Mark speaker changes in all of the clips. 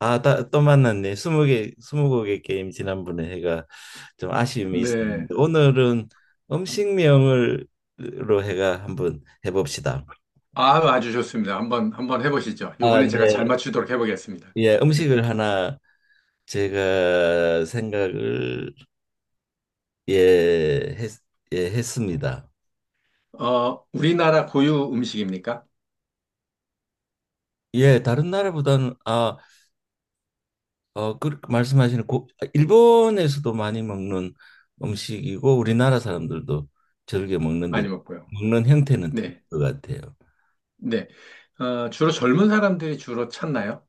Speaker 1: 아, 또 만났네. 스무 개, 스무 곡의 게임 지난번에 해가 좀 아쉬움이
Speaker 2: 네.
Speaker 1: 있었는데 오늘은 음식명을 로 해가 한번 해봅시다.
Speaker 2: 아, 아주 좋습니다. 한번, 한번 해보시죠.
Speaker 1: 아,
Speaker 2: 요번에
Speaker 1: 네.
Speaker 2: 제가 잘 맞추도록 해보겠습니다.
Speaker 1: 예,
Speaker 2: 네.
Speaker 1: 음식을 하나 제가 생각을 예, 했, 예, 했습니다.
Speaker 2: 우리나라 고유 음식입니까?
Speaker 1: 예, 다른 나라보다는 아, 어, 그 말씀하시는 고, 일본에서도 많이 먹는 음식이고 우리나라 사람들도 즐겨 먹는데
Speaker 2: 많이 먹고요.
Speaker 1: 먹는 형태는 틀릴
Speaker 2: 네.
Speaker 1: 것 같아요.
Speaker 2: 네. 주로 젊은 사람들이 주로 찾나요?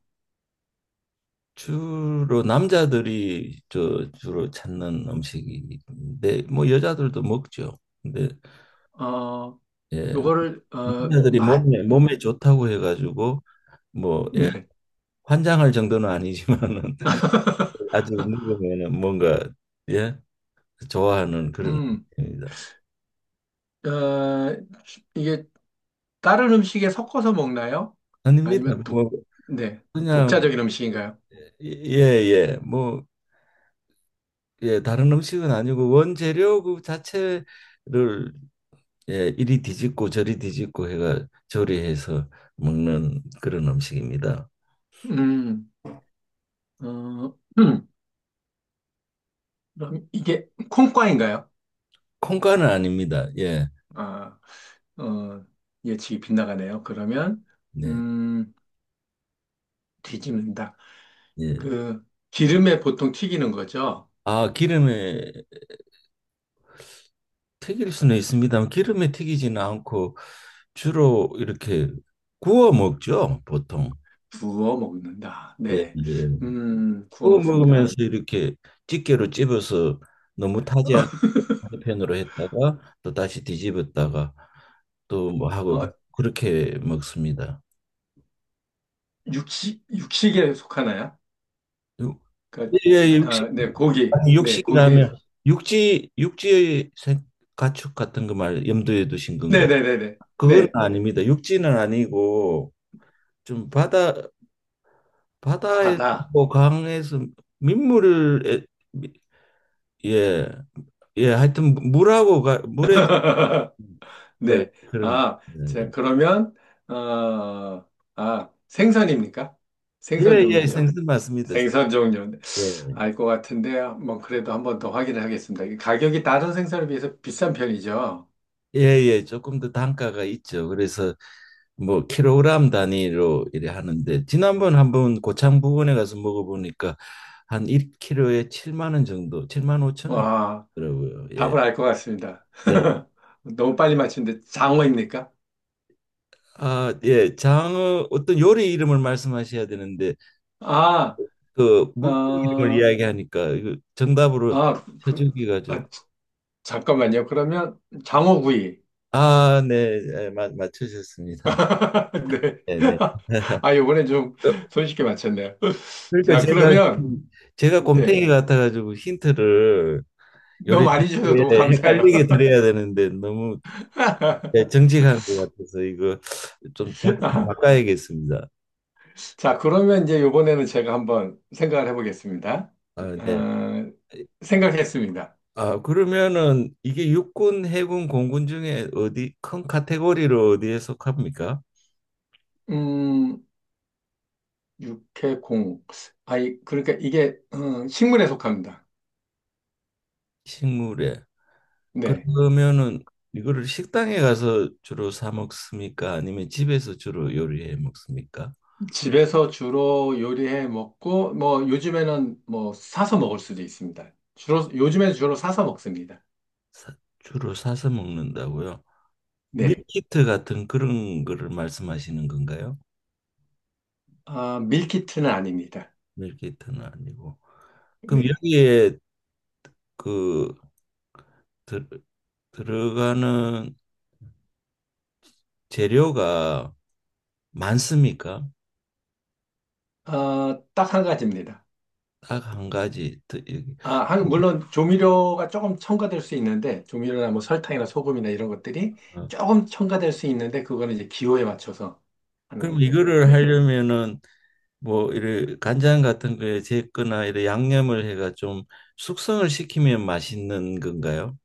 Speaker 1: 주로 남자들이 저 주로 찾는 음식인데 뭐 여자들도 먹죠. 근데
Speaker 2: 어,
Speaker 1: 예,
Speaker 2: 요거를, 어,
Speaker 1: 남자들이
Speaker 2: 맛,
Speaker 1: 몸에
Speaker 2: 음,
Speaker 1: 몸에 좋다고 해가지고 뭐 예,
Speaker 2: 네.
Speaker 1: 환장할 정도는 아니지만은 아직 먹으면은 뭔가 예 좋아하는 그런
Speaker 2: 음,
Speaker 1: 음식입니다.
Speaker 2: 어, 이게 다른 음식에 섞어서 먹나요?
Speaker 1: 아닙니다.
Speaker 2: 아니면 독,
Speaker 1: 뭐
Speaker 2: 네.
Speaker 1: 그냥
Speaker 2: 독자적인 음식인가요?
Speaker 1: 예예 뭐 예 다른 음식은 아니고 원재료 그 자체를 예, 이리 뒤집고 저리 뒤집고 해가 조리해서 먹는 그런 음식입니다.
Speaker 2: 음, 어, 그럼 이게 콩과인가요?
Speaker 1: 콩가는 아닙니다. 예,
Speaker 2: 아, 어, 예측이 빗나가네요. 그러면,
Speaker 1: 네,
Speaker 2: 음, 뒤집는다.
Speaker 1: 예.
Speaker 2: 그, 기름에 보통 튀기는 거죠?
Speaker 1: 아, 기름에 튀길 수는 있습니다만 기름에 튀기지는 않고 주로 이렇게 구워 먹죠, 보통.
Speaker 2: 구워 먹는다.
Speaker 1: 예,
Speaker 2: 네.
Speaker 1: 예.
Speaker 2: 구워
Speaker 1: 구워 먹으면서
Speaker 2: 먹습니다.
Speaker 1: 이렇게 집게로 찝어서 너무 타지 않은 편으로 했다가 또 다시 뒤집었다가 또 뭐 하고
Speaker 2: 어,
Speaker 1: 그렇게 먹습니다.
Speaker 2: 육식, 육식에 속하나요?
Speaker 1: 육-
Speaker 2: 그,
Speaker 1: 예, 예, 육식,
Speaker 2: 아, 네, 고기.
Speaker 1: 아니,
Speaker 2: 네, 고기에, 속-
Speaker 1: 육식이라면 육지, 가축 같은 거 말 염두에 두신 건가요?
Speaker 2: 네네네네. 네, 네, 네.
Speaker 1: 그건
Speaker 2: 네,
Speaker 1: 아닙니다. 육지는 아니고 좀 바다, 바다에서
Speaker 2: 바다.
Speaker 1: 강에서 민물을 미- 예, 예, 하여튼 물하고 가, 물에 그,
Speaker 2: 네.
Speaker 1: 그런 거.
Speaker 2: 아, 자,
Speaker 1: 예,
Speaker 2: 그러면, 어, 생선입니까?
Speaker 1: 예,
Speaker 2: 생선
Speaker 1: 예, 예,
Speaker 2: 종류죠.
Speaker 1: 생선 맞습니다.
Speaker 2: 생선 종류는
Speaker 1: 예,
Speaker 2: 알 것 같은데 뭐 그래도 한번 더 확인을 하겠습니다. 이게 가격이 다른 생선에 비해서 비싼 편이죠.
Speaker 1: 예, 예, 조금 더 단가가 있죠. 그래서 뭐 킬로그램 단위로 이래 하는데 지난번 한번 고창 부근에 가서 먹어보니까 한 1kg에 7만 원 정도, 7만 5천
Speaker 2: 와,
Speaker 1: 원이더라고요. 예.
Speaker 2: 답을 알 것 같습니다.
Speaker 1: 네.
Speaker 2: 너무 빨리 맞추는데 장어입니까?
Speaker 1: 아, 예. 장어 어떤 요리 이름을 말씀하셔야 되는데
Speaker 2: 아,
Speaker 1: 그 물고기 이름을
Speaker 2: 어,
Speaker 1: 이야기하니까 이거 정답으로
Speaker 2: 아, 그,
Speaker 1: 쳐주기가 좀
Speaker 2: 아, 자- 잠깐만요. 그러면 장어구이.
Speaker 1: 아, 네. 예, 맞 맞추셨습니다.
Speaker 2: 네.
Speaker 1: 네, 네.
Speaker 2: 아, 요번에 좀 손쉽게 맞췄네요.
Speaker 1: 그러니까
Speaker 2: 자,
Speaker 1: 제가
Speaker 2: 그러면
Speaker 1: 제가
Speaker 2: 네.
Speaker 1: 곰탱이 같아가지고 힌트를
Speaker 2: 너무
Speaker 1: 요리
Speaker 2: 많이 주셔서
Speaker 1: 예,
Speaker 2: 너무 감사해요.
Speaker 1: 헷갈리게 드려야 되는데 너무 예, 정직한 것 같아서 이거 좀 작- 바꿔야겠습니다.
Speaker 2: 자, 그러면 이제 이번에는 제가 한번 생각을 해보겠습니다.
Speaker 1: 아, 네.
Speaker 2: 어, 생각했습니다.
Speaker 1: 아, 그러면은 이게 육군, 해군, 공군 중에 어디 큰 카테고리로 어디에 속합니까?
Speaker 2: 음, 육해공. 아이, 그러니까 이게 식물에 속합니다.
Speaker 1: 식물에.
Speaker 2: 네.
Speaker 1: 그러면은 이거를 식당에 가서 주로 사 먹습니까? 아니면 집에서 주로 요리해 먹습니까?
Speaker 2: 집에서 주로 요리해 먹고, 뭐, 요즘에는 뭐, 사서 먹을 수도 있습니다. 주로, 요즘에 주로 사서 먹습니다.
Speaker 1: 주로 사서 먹는다고요?
Speaker 2: 네.
Speaker 1: 밀키트 같은 그런 거를 말씀하시는 건가요?
Speaker 2: 아, 밀키트는 아닙니다.
Speaker 1: 밀키트는 아니고. 그럼
Speaker 2: 네.
Speaker 1: 여기에 그 들, 들어가는 재료가 많습니까?
Speaker 2: 아, 딱 한 가지입니다.
Speaker 1: 딱 한 가지. 더- 여기.
Speaker 2: 아, 한- 물론 조미료가 조금 첨가될 수 있는데, 조미료나 뭐 설탕이나 소금이나 이런 것들이
Speaker 1: 어.
Speaker 2: 조금 첨가될 수 있는데, 그거는 이제 기호에 맞춰서 하는
Speaker 1: 그럼
Speaker 2: 거고요.
Speaker 1: 이거를
Speaker 2: 네.
Speaker 1: 하려면은 뭐 이래 간장 같은 거에 제거나 이래 양념을 해가 좀 숙성을 시키면 맛있는 건가요?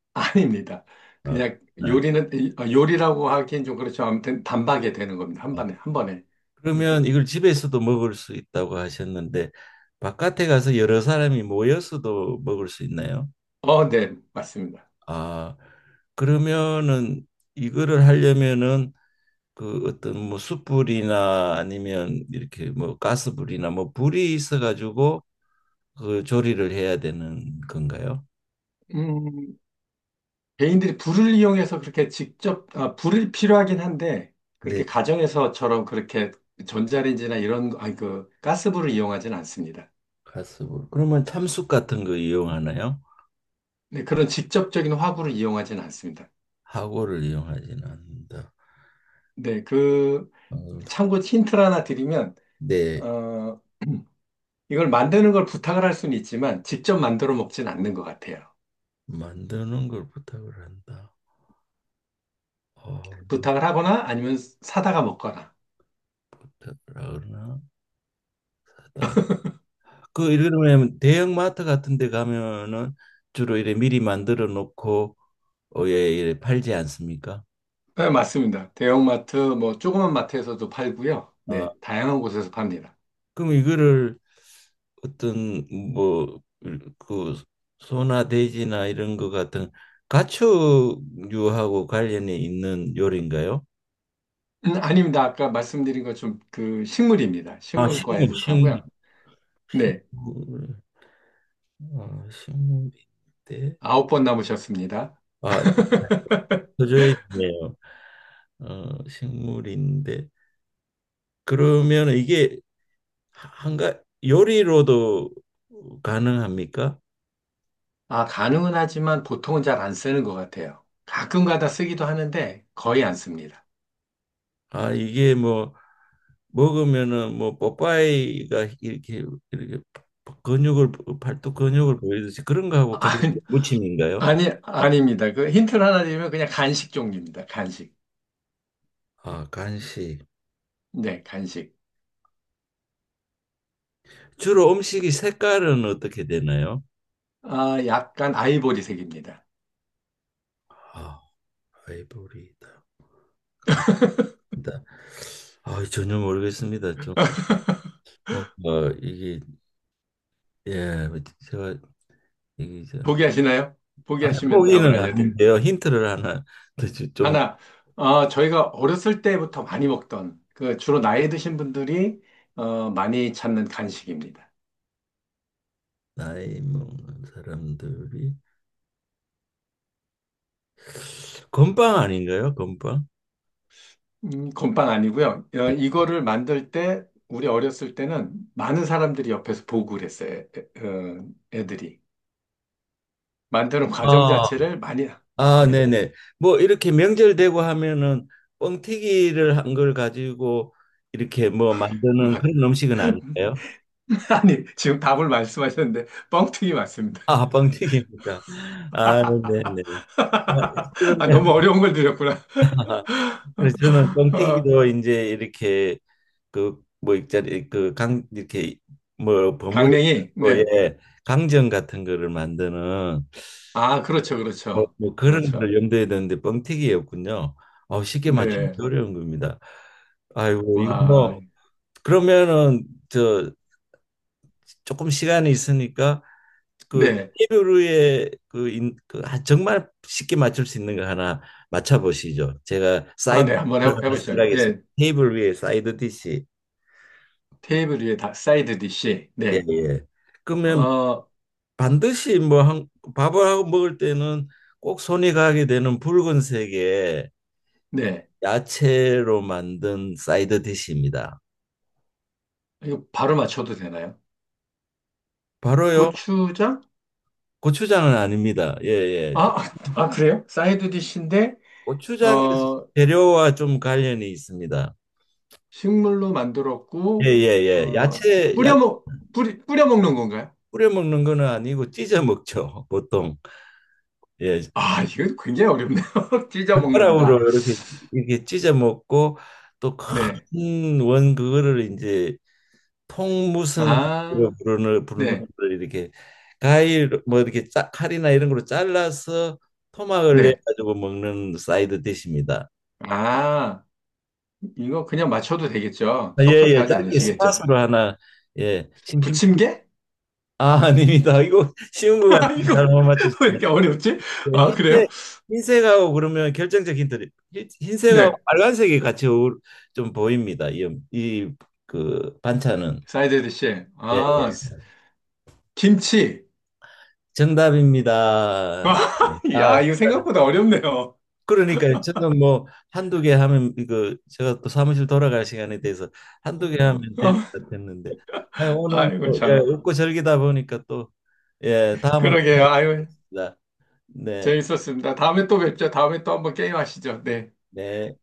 Speaker 2: 아닙니다.
Speaker 1: 아,
Speaker 2: 그냥
Speaker 1: 그렇구나.
Speaker 2: 요리는, 요리라고 하긴 좀 그렇죠. 아무튼 단박에 되는 겁니다. 한
Speaker 1: 아,
Speaker 2: 번에, 한 번에. 네.
Speaker 1: 그러면 이걸 집에서도 먹을 수 있다고 하셨는데 바깥에 가서 여러 사람이 모여서도 먹을 수 있나요?
Speaker 2: 어, 네. 맞습니다.
Speaker 1: 아, 그러면은 이거를 하려면은 그 어떤 뭐 숯불이나 아니면 이렇게 뭐 가스불이나 뭐 불이 있어 가지고 그 조리를 해야 되는 건가요?
Speaker 2: 음, 개인들이 불을 이용해서 그렇게 직접, 아, 불이 필요하긴 한데,
Speaker 1: 네,
Speaker 2: 그렇게 가정에서처럼 그렇게 전자레인지나 이런, 아니, 그, 가스불을 이용하진 않습니다.
Speaker 1: 가스불. 그러면 참숯 같은 거 이용하나요?
Speaker 2: 네, 그런 직접적인 화구를 이용하지는 않습니다.
Speaker 1: 하고를 이용하지는 않는다.
Speaker 2: 네, 그,
Speaker 1: 어,
Speaker 2: 참고 힌트를 하나 드리면,
Speaker 1: 네,
Speaker 2: 어, 이걸 만드는 걸 부탁을 할 수는 있지만, 직접 만들어 먹진 않는 것 같아요.
Speaker 1: 만드는 걸 부탁을 한다. 어,
Speaker 2: 부탁을 하거나 아니면 사다가 먹거나.
Speaker 1: 부탁을 하나 하다. 그 이러면 대형마트 같은 데 가면은 주로 이래 미리 만들어 놓고 에 팔지 않습니까?
Speaker 2: 네, 맞습니다. 대형마트, 뭐, 조그만 마트에서도 팔고요.
Speaker 1: 아,
Speaker 2: 네, 다양한 곳에서 팝니다.
Speaker 1: 그럼 이거를 어떤 뭐그 소나 돼지나 이런 것 같은 가축류하고 관련이 있는 요리인가요?
Speaker 2: 아닙니다. 아까 말씀드린 것좀 그, 식물입니다.
Speaker 1: 아,
Speaker 2: 식물과에
Speaker 1: 식물, 식물,
Speaker 2: 속하고요. 네,
Speaker 1: 식물, 아, 식물인데,
Speaker 2: 아홉 번 남으셨습니다.
Speaker 1: 아, 네요. 어, 식물인데 그러면 이게 한가 요리로도 가능합니까?
Speaker 2: 아, 가능은 하지만 보통은 잘 안 쓰는 것 같아요. 가끔가다 쓰기도 하는데 거의 안 씁니다.
Speaker 1: 아, 이게 뭐 먹으면은 뭐 뽀빠이가 이렇게 이렇게 근육을 팔뚝 근육을 보이듯이 그런 거하고 간식
Speaker 2: 아니,
Speaker 1: 무침인가요?
Speaker 2: 아니, 아닙니다. 그 힌트를 하나 드리면 그냥 간식 종류입니다. 간식.
Speaker 1: 아, 간식.
Speaker 2: 네, 간식.
Speaker 1: 주로 음식이 색깔은 어떻게 되나요?
Speaker 2: 아, 약간 아이보리색입니다.
Speaker 1: 아, 아이보리다. 나- 아, 전혀 모르겠습니다. 좀 뭔가 이게 예, 제가 이게 저
Speaker 2: 포기하시나요?
Speaker 1: 아니,
Speaker 2: 포기하시면 답을
Speaker 1: 포기는
Speaker 2: 알려드릴.
Speaker 1: 아닌데요. 힌트를 하나 더좀
Speaker 2: 하나, 저희가 어렸을 때부터 많이 먹던, 그 주로 나이 드신 분들이 많이 찾는 간식입니다.
Speaker 1: 나이 먹는 사람들이 건빵 아닌가요? 건빵?
Speaker 2: 건빵 아니고요. 이거를 만들 때 우리 어렸을 때는 많은 사람들이 옆에서 보고 그랬어요. 애, 어, 애들이 만드는 과정
Speaker 1: 아,
Speaker 2: 자체를 많이
Speaker 1: 아,
Speaker 2: 네.
Speaker 1: 네네. 뭐 이렇게 명절 되고 하면은 뻥튀기를 한 걸 가지고 이렇게 뭐
Speaker 2: 뭐,
Speaker 1: 만드는 그런 음식은 아닐까요?
Speaker 2: 아니 지금 답을 말씀하셨는데 뻥튀기 맞습니다.
Speaker 1: 아, 뻥튀기니까. 아, 네네. 아, 그러면
Speaker 2: 아, 너무 어려운 걸 드렸구나.
Speaker 1: 그래서 저는
Speaker 2: 어,
Speaker 1: 뻥튀기도 이제 이렇게 그 뭐 있잖아요. 그 강 이렇게 뭐 버무리고
Speaker 2: 강냉이 네.
Speaker 1: 예 강정 같은 거를 만드는
Speaker 2: 아 그렇죠
Speaker 1: 뭐,
Speaker 2: 그렇죠
Speaker 1: 뭐 그런 걸
Speaker 2: 그렇죠.
Speaker 1: 염두에 두는데 뻥튀기였군요. 아, 쉽게 맞추기
Speaker 2: 네.
Speaker 1: 어려운 겁니다. 아이고 이거
Speaker 2: 와
Speaker 1: 뭐 그러면은 저 조금 시간이 있으니까 그
Speaker 2: 네.
Speaker 1: 테이블 그, 인, 그 아, 정말 쉽게 맞출 수 있는 거 하나 맞춰보시죠. 제가
Speaker 2: 아
Speaker 1: 사이드
Speaker 2: 네 한번 해,
Speaker 1: 디시를 하나
Speaker 2: 해보시죠.
Speaker 1: 생각했습니다.
Speaker 2: 예
Speaker 1: 테이블 위에 사이드 디시.
Speaker 2: 테이블 위에 다 사이드 디시
Speaker 1: 예.
Speaker 2: 네.
Speaker 1: 그러면
Speaker 2: 어
Speaker 1: 반드시 뭐 한, 밥을 하고 먹을 때는 꼭 손이 가게 되는 붉은색의
Speaker 2: 네.
Speaker 1: 야채로 만든 사이드 디시입니다.
Speaker 2: 이거 바로 맞춰도 되나요?
Speaker 1: 바로요.
Speaker 2: 고추장?
Speaker 1: 고추장은 아닙니다. 예, 예. 저-
Speaker 2: 아, 아, 그래요? 사이드 디시인데,
Speaker 1: 고추장의
Speaker 2: 어,
Speaker 1: 재료와 좀 관련이 있습니다.
Speaker 2: 식물로
Speaker 1: 예,
Speaker 2: 만들었고,
Speaker 1: 예, 예. 야채,
Speaker 2: 뿌려
Speaker 1: 야채
Speaker 2: 먹, 뿌리, 뿌려 먹는 건가요?
Speaker 1: 뿌려 먹는 거는 아니고 찢어 먹죠. 보통. 예.
Speaker 2: 아, 이거 굉장히 어렵네요. 찢어 먹는다.
Speaker 1: 젓가락으로 이렇게 이렇게 찢어 먹고 또
Speaker 2: 네.
Speaker 1: 큰 원 그거를 이제 통 무슨
Speaker 2: 아,
Speaker 1: 부르는
Speaker 2: 네.
Speaker 1: 걸 이렇게 과일 뭐 이렇게 칼이나 이런 걸로 잘라서 토막을 내
Speaker 2: 네.
Speaker 1: 가지고 먹는 사이드 디시입니다.
Speaker 2: 아, 이거 그냥 맞춰도 되겠죠?
Speaker 1: 예예
Speaker 2: 섭섭해하지
Speaker 1: 짧게
Speaker 2: 않으시겠죠?
Speaker 1: 스팟으로 하나 예 심심
Speaker 2: 부침개?
Speaker 1: 아 아닙니다. 이거 쉬운 것
Speaker 2: 아,
Speaker 1: 같은데
Speaker 2: 이거
Speaker 1: 잘못
Speaker 2: 왜
Speaker 1: 맞추시네.
Speaker 2: 이렇게 어렵지?
Speaker 1: 예,
Speaker 2: 아, 그래요?
Speaker 1: 흰색 흰색하고 그러면 결정적 힌트 흰색하고
Speaker 2: 네.
Speaker 1: 빨간색이 같이 어울- 좀 보입니다. 이 그 반찬은
Speaker 2: 사이드 디시.
Speaker 1: 예 예.
Speaker 2: 아, 김치.
Speaker 1: 정답입니다. 아
Speaker 2: 야, 이거 생각보다 어렵네요.
Speaker 1: 그러니까 저는 뭐 한두 개 하면 이거 제가 또 사무실 돌아갈 시간에 대해서 한두 개
Speaker 2: 어,
Speaker 1: 하면 될 것 같았는데 아니, 오늘
Speaker 2: 아이고,
Speaker 1: 뭐 예,
Speaker 2: 참.
Speaker 1: 웃고 즐기다 보니까 또 예, 다음을
Speaker 2: 그러게요. 아고
Speaker 1: 기대하겠습니다. 네,
Speaker 2: 재밌었습니다. 다음에 또 뵙죠. 다음에 또 한번 게임 하시죠. 네.
Speaker 1: 네.